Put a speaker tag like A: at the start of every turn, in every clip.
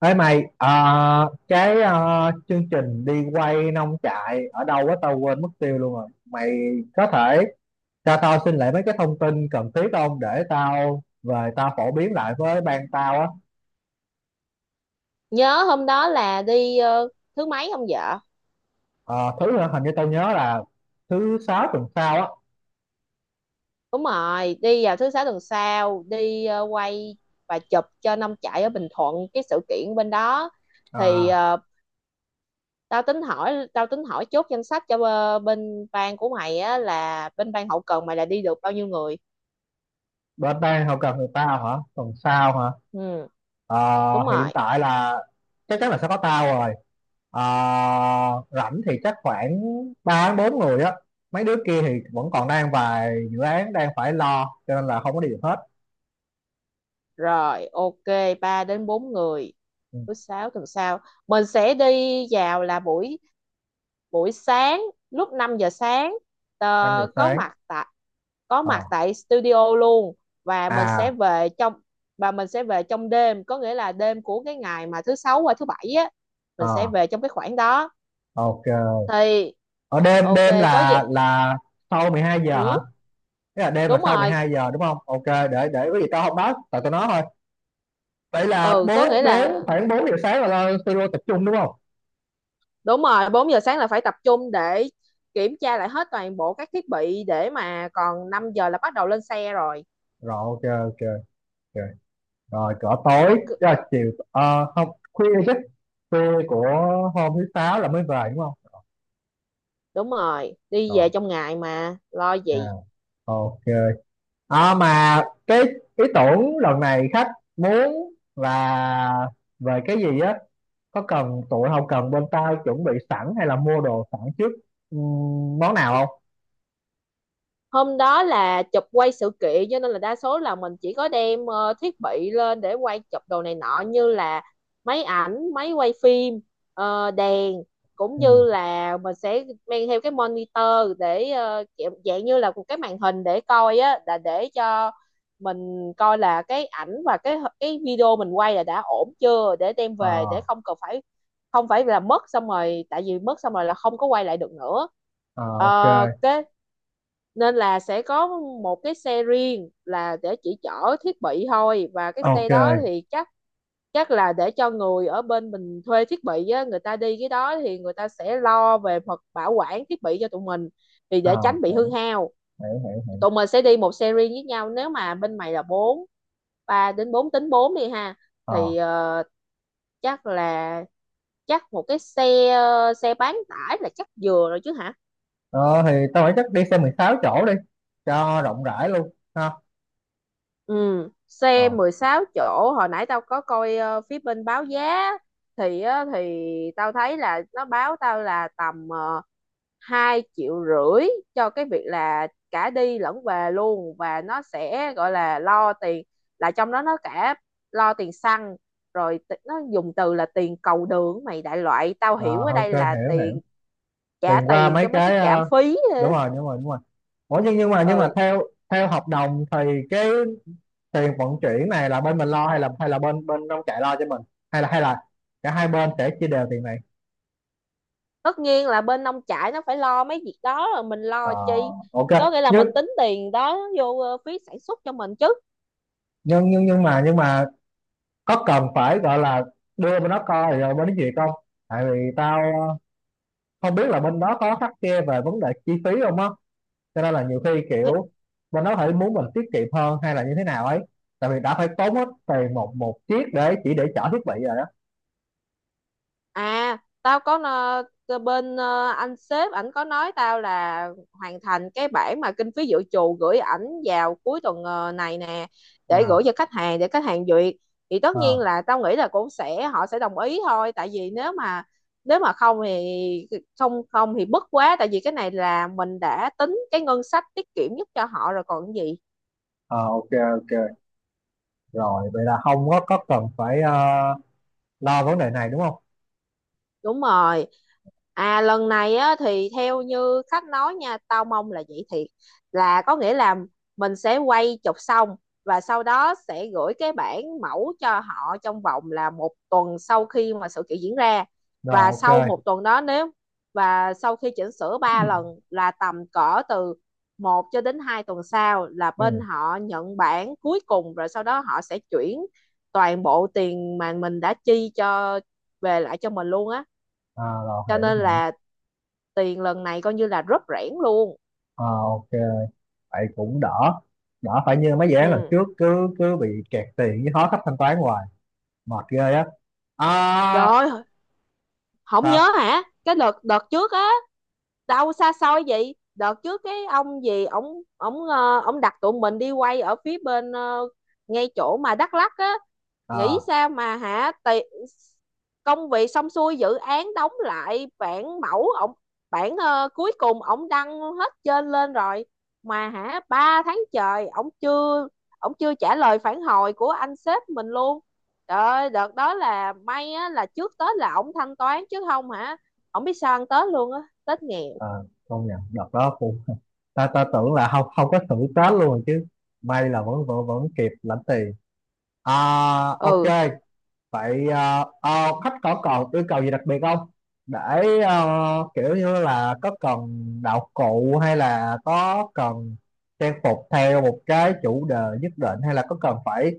A: Ê mày, cái chương trình đi quay nông trại ở đâu á tao quên mất tiêu luôn rồi. Mày có thể cho tao xin lại mấy cái thông tin cần thiết không để tao về tao phổ biến lại với ban tao á.
B: Nhớ hôm đó là đi thứ mấy không vợ?
A: Ờ, thứ hình như tao nhớ là thứ sáu tuần sau á.
B: Đúng rồi, đi vào thứ sáu tuần sau đi, quay và chụp cho năm chạy ở Bình Thuận, cái sự kiện bên đó. Thì
A: À,
B: tao tính hỏi chốt danh sách cho, bên ban của mày á, là bên ban hậu cần mày, là đi được bao nhiêu người?
A: bên ban hậu cần người tao hả? Tuần sau hả?
B: Ừ,
A: Ờ,
B: đúng
A: hiện
B: rồi.
A: tại là chắc chắn là sẽ có tao rồi. Ờ, rảnh thì chắc khoảng 3 đến 4 người á. Mấy đứa kia thì vẫn còn đang vài dự án đang phải lo cho nên là không có đi được hết.
B: Rồi, ok, 3 đến 4 người.
A: Ừ,
B: Thứ sáu tuần sau mình sẽ đi vào là buổi buổi sáng, lúc 5 giờ sáng,
A: 5 giờ
B: ờ, có
A: sáng.
B: mặt tại có
A: Ờ,
B: mặt tại studio luôn. Và mình sẽ
A: à
B: về trong và mình sẽ về trong đêm, có nghĩa là đêm của cái ngày mà thứ sáu qua thứ bảy á. Mình sẽ
A: ờ
B: về trong cái khoảng đó
A: ok.
B: thì
A: Ở đêm
B: ok,
A: đêm
B: có gì.
A: là sau 12 giờ hả?
B: Ừ,
A: Tức là đêm là
B: đúng
A: sau mười
B: rồi.
A: hai giờ đúng không? Ok, để có gì tao không nói, tại tao nói thôi. Vậy là
B: Ừ, có
A: 4
B: nghĩa
A: 4
B: là
A: khoảng 4 giờ sáng là lo studio tập trung đúng không?
B: đúng rồi, 4 giờ sáng là phải tập trung để kiểm tra lại hết toàn bộ các thiết bị, để mà còn 5 giờ là bắt đầu lên xe rồi.
A: Rồi ok ok ok. Rồi cỡ tối
B: Ok,
A: tức là chiều à, không khuya chứ, khuya của hôm thứ sáu là mới về đúng không?
B: đúng rồi, đi về
A: Rồi,
B: trong ngày mà lo
A: à,
B: gì.
A: ok. À, mà cái ý tưởng lần này khách muốn là về cái gì á, có cần tụi không cần bên tao chuẩn bị sẵn hay là mua đồ sẵn trước món nào không?
B: Hôm đó là chụp quay sự kiện, cho nên là đa số là mình chỉ có đem thiết bị lên để quay chụp đồ này nọ, như là máy ảnh, máy quay phim, đèn. Cũng như
A: Ừ.
B: là mình sẽ mang theo cái monitor để, kiểu dạng như là một cái màn hình để coi á, là để cho mình coi là cái ảnh và cái video mình quay là đã ổn chưa, để đem về, để
A: À,
B: không cần phải, không phải là mất xong rồi, tại vì mất xong rồi là không có quay lại được nữa.
A: à, ok
B: Cái nên là sẽ có một cái xe riêng là để chỉ chở thiết bị thôi, và cái xe
A: ok.
B: đó thì chắc chắc là để cho người ở bên mình thuê thiết bị á, người ta đi cái đó thì người ta sẽ lo về mặt bảo quản thiết bị cho tụi mình, thì
A: À,
B: để tránh bị hư
A: hiểu
B: hao.
A: hiểu hiểu.
B: Tụi mình sẽ đi một xe riêng với nhau. Nếu mà bên mày là bốn, ba đến bốn, tính bốn đi ha.
A: Ờ,
B: Thì chắc là chắc một cái xe, xe bán tải là chắc vừa rồi chứ hả?
A: ờ, thì tao nghĩ chắc đi xe 16 chỗ đi cho rộng rãi luôn ha.
B: Ừ, xe
A: Ờ.
B: 16 chỗ, hồi nãy tao có coi phía bên báo giá. Thì á, thì tao thấy là nó báo tao là tầm 2,5 triệu cho cái việc là cả đi lẫn về luôn. Và nó sẽ gọi là lo tiền, là trong đó nó cả lo tiền xăng, rồi nó dùng từ là tiền cầu đường mày, đại loại tao
A: Ờ,
B: hiểu ở đây
A: ok,
B: là
A: hiểu hiểu.
B: tiền,
A: Thì
B: trả
A: qua
B: tiền
A: mấy
B: cho mấy cái
A: cái
B: trạm phí.
A: đúng rồi đúng rồi. Ủa nhưng nhưng mà
B: Ừ,
A: theo, theo hợp đồng thì cái tiền vận chuyển này là bên mình lo hay là bên bên nông trại lo cho mình, hay là cả hai bên sẽ chia đều tiền này?
B: tất nhiên là bên nông trại nó phải lo mấy việc đó rồi, mình
A: Ờ,
B: lo chi.
A: ok.
B: Có nghĩa là mình
A: Nhưng
B: tính tiền đó vô phí sản xuất cho mình chứ.
A: nhưng mà có cần phải gọi là đưa bên đó coi rồi bên đó duyệt không? Tại vì tao không biết là bên đó có khắt khe về vấn đề chi phí không á, cho nên là nhiều khi kiểu bên đó phải muốn mình tiết kiệm hơn hay là như thế nào ấy, tại vì đã phải tốn hết tiền một một chiếc để chỉ để chở thiết bị rồi đó.
B: À, tao có bên anh sếp ảnh có nói tao là hoàn thành cái bản mà kinh phí dự trù gửi ảnh vào cuối tuần này nè, để gửi
A: À,
B: cho khách hàng để khách hàng duyệt. Thì tất nhiên
A: à,
B: là tao nghĩ là cũng sẽ, họ sẽ đồng ý thôi, tại vì nếu mà không thì không không thì bất quá, tại vì cái này là mình đã tính cái ngân sách tiết kiệm nhất cho họ rồi còn gì.
A: à, ok ok. Rồi vậy là không có, có cần phải lo vấn đề này đúng không?
B: Đúng rồi. À, lần này á thì theo như khách nói nha, tao mong là vậy thiệt, là có nghĩa là mình sẽ quay chụp xong và sau đó sẽ gửi cái bản mẫu cho họ trong vòng là một tuần sau khi mà sự kiện diễn ra.
A: Rồi
B: và sau
A: ok.
B: một tuần đó nếu và sau khi chỉnh sửa ba lần là tầm cỡ từ một cho đến 2 tuần sau là
A: Ừ.
B: bên họ nhận bản cuối cùng, rồi sau đó họ sẽ chuyển toàn bộ tiền mà mình đã chi cho, về lại cho mình luôn á.
A: À, rồi
B: Cho
A: hiểu
B: nên
A: hiểu
B: là tiền lần này coi như là rất rẽn luôn.
A: À, ok, vậy cũng đỡ, đỡ phải như mấy dự án lần
B: Ừ,
A: trước cứ cứ bị kẹt tiền với khó khách thanh toán hoài, mệt ghê á. À,
B: trời ơi, không
A: sao.
B: nhớ hả cái đợt đợt trước á? Đâu xa xôi vậy, đợt trước cái ông gì, ổng ổng ờ, ổng đặt tụi mình đi quay ở phía bên, ngay chỗ mà Đắk Lắk á. Nghĩ
A: À,
B: sao mà hả tì, công việc xong xuôi, dự án đóng lại, bản mẫu ổng, bản cuối cùng ổng đăng hết trên lên rồi. Mà hả, 3 tháng trời ổng chưa trả lời phản hồi của anh sếp mình luôn. Trời ơi, đợt đó là may á, là trước Tết là ổng thanh toán, chứ không hả ổng biết sao ăn Tết luôn á, Tết nghèo.
A: ờ, công nhận đợt đó cũng ta ta tưởng là không, không có thử Tết luôn chứ, may là vẫn vẫn vẫn kịp lãnh tiền. À, ok.
B: Ừ.
A: Vậy à, à, khách có còn yêu cầu gì đặc biệt không để, à, kiểu như là có cần đạo cụ, hay là có cần trang phục theo một cái chủ đề nhất định, hay là có cần phải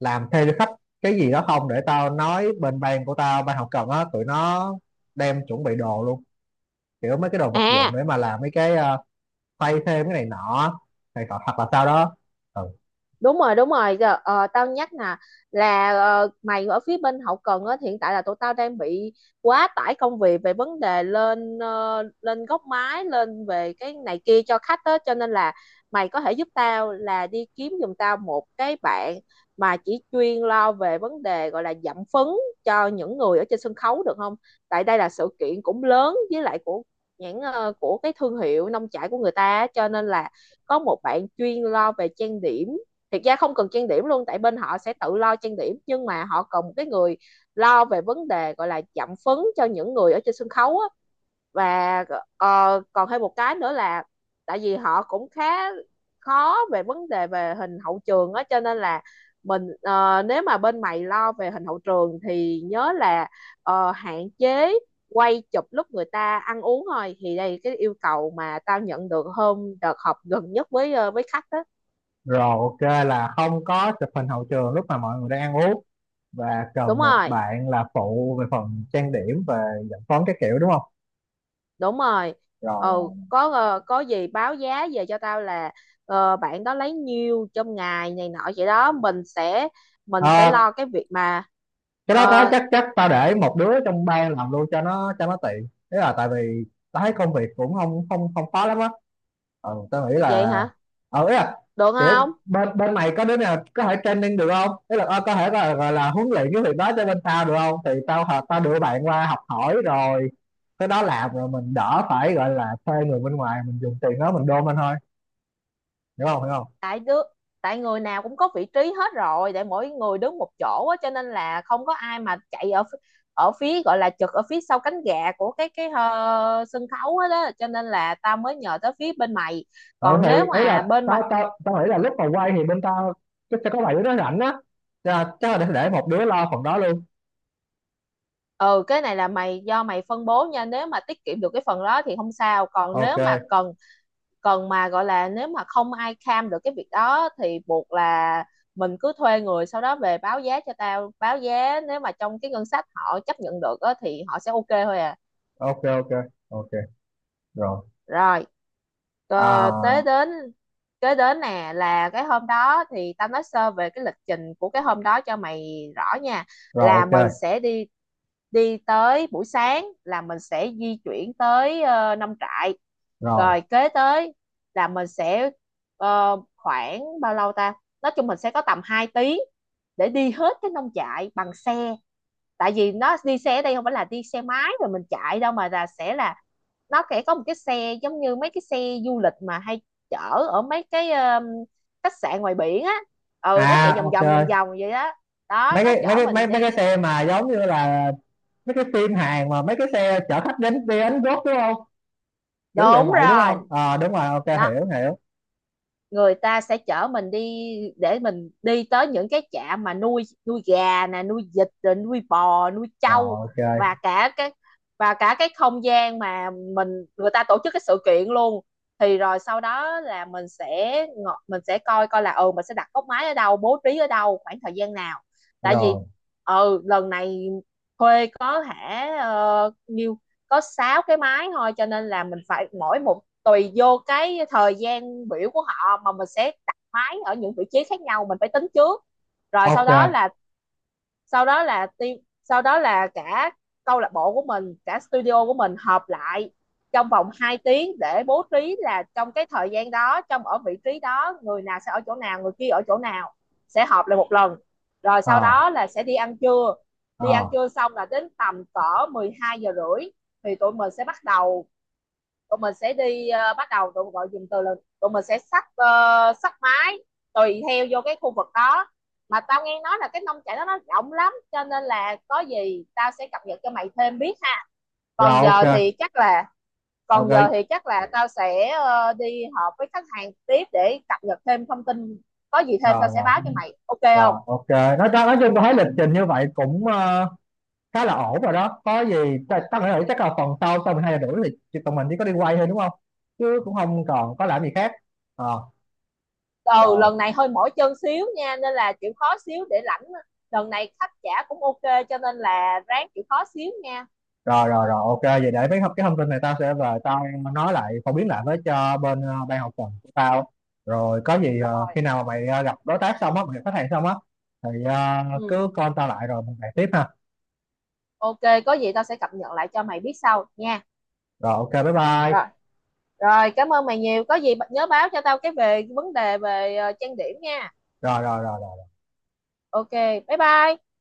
A: làm theo cho khách cái gì đó không để tao nói bên ban của tao, ban hậu cần á, tụi nó đem chuẩn bị đồ luôn, kiểu mấy cái đồ vật dụng
B: À,
A: để mà làm mấy cái xoay thêm cái này nọ, này cọ hoặc là sau đó. Ừ.
B: đúng rồi, đúng rồi. Giờ, tao nhắc nè, là mày ở phía bên hậu cần á, hiện tại là tụi tao đang bị quá tải công việc về vấn đề lên, lên góc máy, lên về cái này kia cho khách á, cho nên là mày có thể giúp tao là đi kiếm giùm tao một cái bạn mà chỉ chuyên lo về vấn đề gọi là giảm phấn cho những người ở trên sân khấu được không? Tại đây là sự kiện cũng lớn, với lại của nhãn, của cái thương hiệu nông trại của người ta á, cho nên là có một bạn chuyên lo về trang điểm. Thực ra không cần trang điểm luôn, tại bên họ sẽ tự lo trang điểm, nhưng mà họ cần một cái người lo về vấn đề gọi là chạm phấn cho những người ở trên sân khấu á. Và còn thêm một cái nữa là, tại vì họ cũng khá khó về vấn đề về hình hậu trường á, cho nên là nếu mà bên mày lo về hình hậu trường thì nhớ là, hạn chế quay chụp lúc người ta ăn uống thôi. Thì đây là cái yêu cầu mà tao nhận được hôm đợt họp gần nhất với khách đó.
A: Rồi ok, là không có chụp hình hậu trường lúc mà mọi người đang ăn uống, và
B: Đúng
A: cần một
B: rồi,
A: bạn là phụ về phần trang điểm, về dẫn phấn các kiểu đúng không?
B: đúng rồi.
A: Rồi rồi.
B: Ừ, có gì báo giá về cho tao là, bạn đó lấy nhiêu trong ngày này nọ vậy đó, mình sẽ
A: Ờ,
B: lo cái việc mà,
A: cái đó cái
B: ờ,
A: chắc, chắc tao để một đứa trong ban làm luôn cho nó, cho nó tiện thế, là tại vì tao thấy công việc cũng không không không khó lắm á. Ừ, tao nghĩ
B: vậy
A: là,
B: hả,
A: ý là
B: được
A: kiểu
B: không?
A: bên bên mày có đứa nào có thể training được không, ý là có thể là gọi là huấn luyện cái việc đó cho bên tao được không, thì tao hợp tao đưa bạn qua học hỏi rồi cái đó làm, rồi mình đỡ phải gọi là thuê người bên ngoài, mình dùng tiền đó mình đôn lên thôi, hiểu không hiểu không?
B: tại đứa Tại người nào cũng có vị trí hết rồi, để mỗi người đứng một chỗ á, cho nên là không có ai mà chạy ở ở phía gọi là trực ở phía sau cánh gà của cái sân khấu hết đó, cho nên là tao mới nhờ tới phía bên mày.
A: Ừ
B: Còn
A: thì
B: nếu
A: ý
B: mà
A: là
B: bên
A: tao
B: mà
A: tao tao nghĩ là lúc mà quay thì bên tao chắc sẽ có bảy đứa nó rảnh á. Cho nên chắc là để một đứa lo phần đó luôn.
B: Ừ, cái này là mày do mày phân bố nha. Nếu mà tiết kiệm được cái phần đó thì không sao, còn nếu mà
A: Ok
B: cần cần mà gọi là nếu mà không ai cam được cái việc đó thì buộc là mình cứ thuê người, sau đó về báo giá cho tao. Báo giá nếu mà trong cái ngân sách họ chấp nhận được á, thì họ sẽ ok thôi à.
A: ok ok ok. Rồi,
B: Rồi, tới
A: à,
B: đến kế đến nè là cái hôm đó, thì tao nói sơ về cái lịch trình của cái hôm đó cho mày rõ nha.
A: rồi
B: Là mình
A: ok,
B: sẽ đi đi tới, buổi sáng là mình sẽ di chuyển tới nông trại,
A: rồi,
B: rồi kế tới là khoảng bao lâu ta, nói chung mình sẽ có tầm 2 tiếng để đi hết cái nông trại bằng xe. Tại vì nó đi xe ở đây không phải là đi xe máy rồi mình chạy đâu, mà là sẽ là nó sẽ có một cái xe giống như mấy cái xe du lịch mà hay chở ở mấy cái, khách sạn ngoài biển á. Ừ, nó chạy
A: à
B: vòng
A: ok.
B: vòng vòng vòng vậy đó. Đó,
A: Mấy
B: nó
A: cái mấy
B: chở
A: cái mấy
B: mình
A: mấy cái
B: đi,
A: xe mà giống như là mấy cái phim Hàn, mà mấy cái xe chở khách đến đi Ánh Gốc đúng không, kiểu dạng
B: đúng
A: vậy đúng
B: rồi.
A: không, ờ đúng rồi, ok,
B: Đó,
A: hiểu hiểu.
B: người ta sẽ chở mình đi để mình đi tới những cái trại mà nuôi nuôi gà nè, nuôi vịt, rồi nuôi bò, nuôi trâu.
A: Rồi ok.
B: Và cả cái và cả cái không gian mà người ta tổ chức cái sự kiện luôn. Thì rồi sau đó là mình sẽ coi coi là, ừ, mình sẽ đặt góc máy ở đâu, bố trí ở đâu, khoảng thời gian nào. Tại vì,
A: Rồi
B: ừ, lần này thuê có hả, nhiêu, có sáu cái máy thôi, cho nên là mình phải mỗi một, tùy vô cái thời gian biểu của họ mà mình sẽ đặt máy ở những vị trí khác nhau, mình phải tính trước. Rồi
A: ok.
B: sau đó là team sau đó là cả câu lạc bộ của mình, cả studio của mình họp lại trong vòng 2 tiếng để bố trí là trong cái thời gian đó, ở vị trí đó, người nào sẽ ở chỗ nào, người kia ở chỗ nào. Sẽ họp lại một lần, rồi sau
A: Ờ,
B: đó là sẽ đi ăn trưa. Đi ăn
A: ờ.
B: trưa xong là đến tầm cỡ 12 giờ rưỡi thì tụi mình sẽ bắt đầu, tụi mình sẽ đi ờ, bắt đầu tụi mình gọi dùm từ là tụi mình sẽ xách, xách máy tùy theo vô cái khu vực đó. Mà tao nghe nói là cái nông trại đó nó rộng lắm, cho nên là có gì tao sẽ cập nhật cho mày thêm biết ha.
A: Rồi
B: Còn giờ
A: ok
B: thì chắc là còn giờ
A: ok
B: thì chắc là tao sẽ đi họp với khách hàng tiếp để cập nhật thêm thông tin. Có gì thêm tao
A: rồi
B: sẽ
A: rồi
B: báo cho mày, ok không?
A: rồi ok, nói chung tôi thấy lịch trình như vậy cũng khá là ổn rồi đó. Có gì tao nghĩ là chắc là phần sau, sau mình hai giờ rưỡi thì tụi mình chỉ có đi quay thôi đúng không, chứ cũng không còn có làm gì khác. Ờ.
B: Ừ,
A: rồi
B: lần này hơi mỏi chân xíu nha, nên là chịu khó xíu để lãnh. Lần này khách trả cũng ok, cho nên là ráng chịu khó xíu nha.
A: rồi rồi rồi ok, vậy để mấy cái thông tin này tao sẽ về tao nói lại, phổ biến lại với cho bên ban hậu cần của tao. Rồi có gì
B: Rồi,
A: khi nào mà mày gặp đối tác xong á, mày gặp khách hàng xong á thì
B: ừ,
A: cứ call tao lại rồi mình bàn tiếp ha.
B: ok, có gì tao sẽ cập nhật lại cho mày biết sau nha.
A: Rồi ok, bye
B: Rồi,
A: bye.
B: rồi, cảm ơn mày nhiều. Có gì nhớ báo cho tao cái về vấn đề về trang điểm nha.
A: Rồi rồi rồi
B: Ok, bye bye.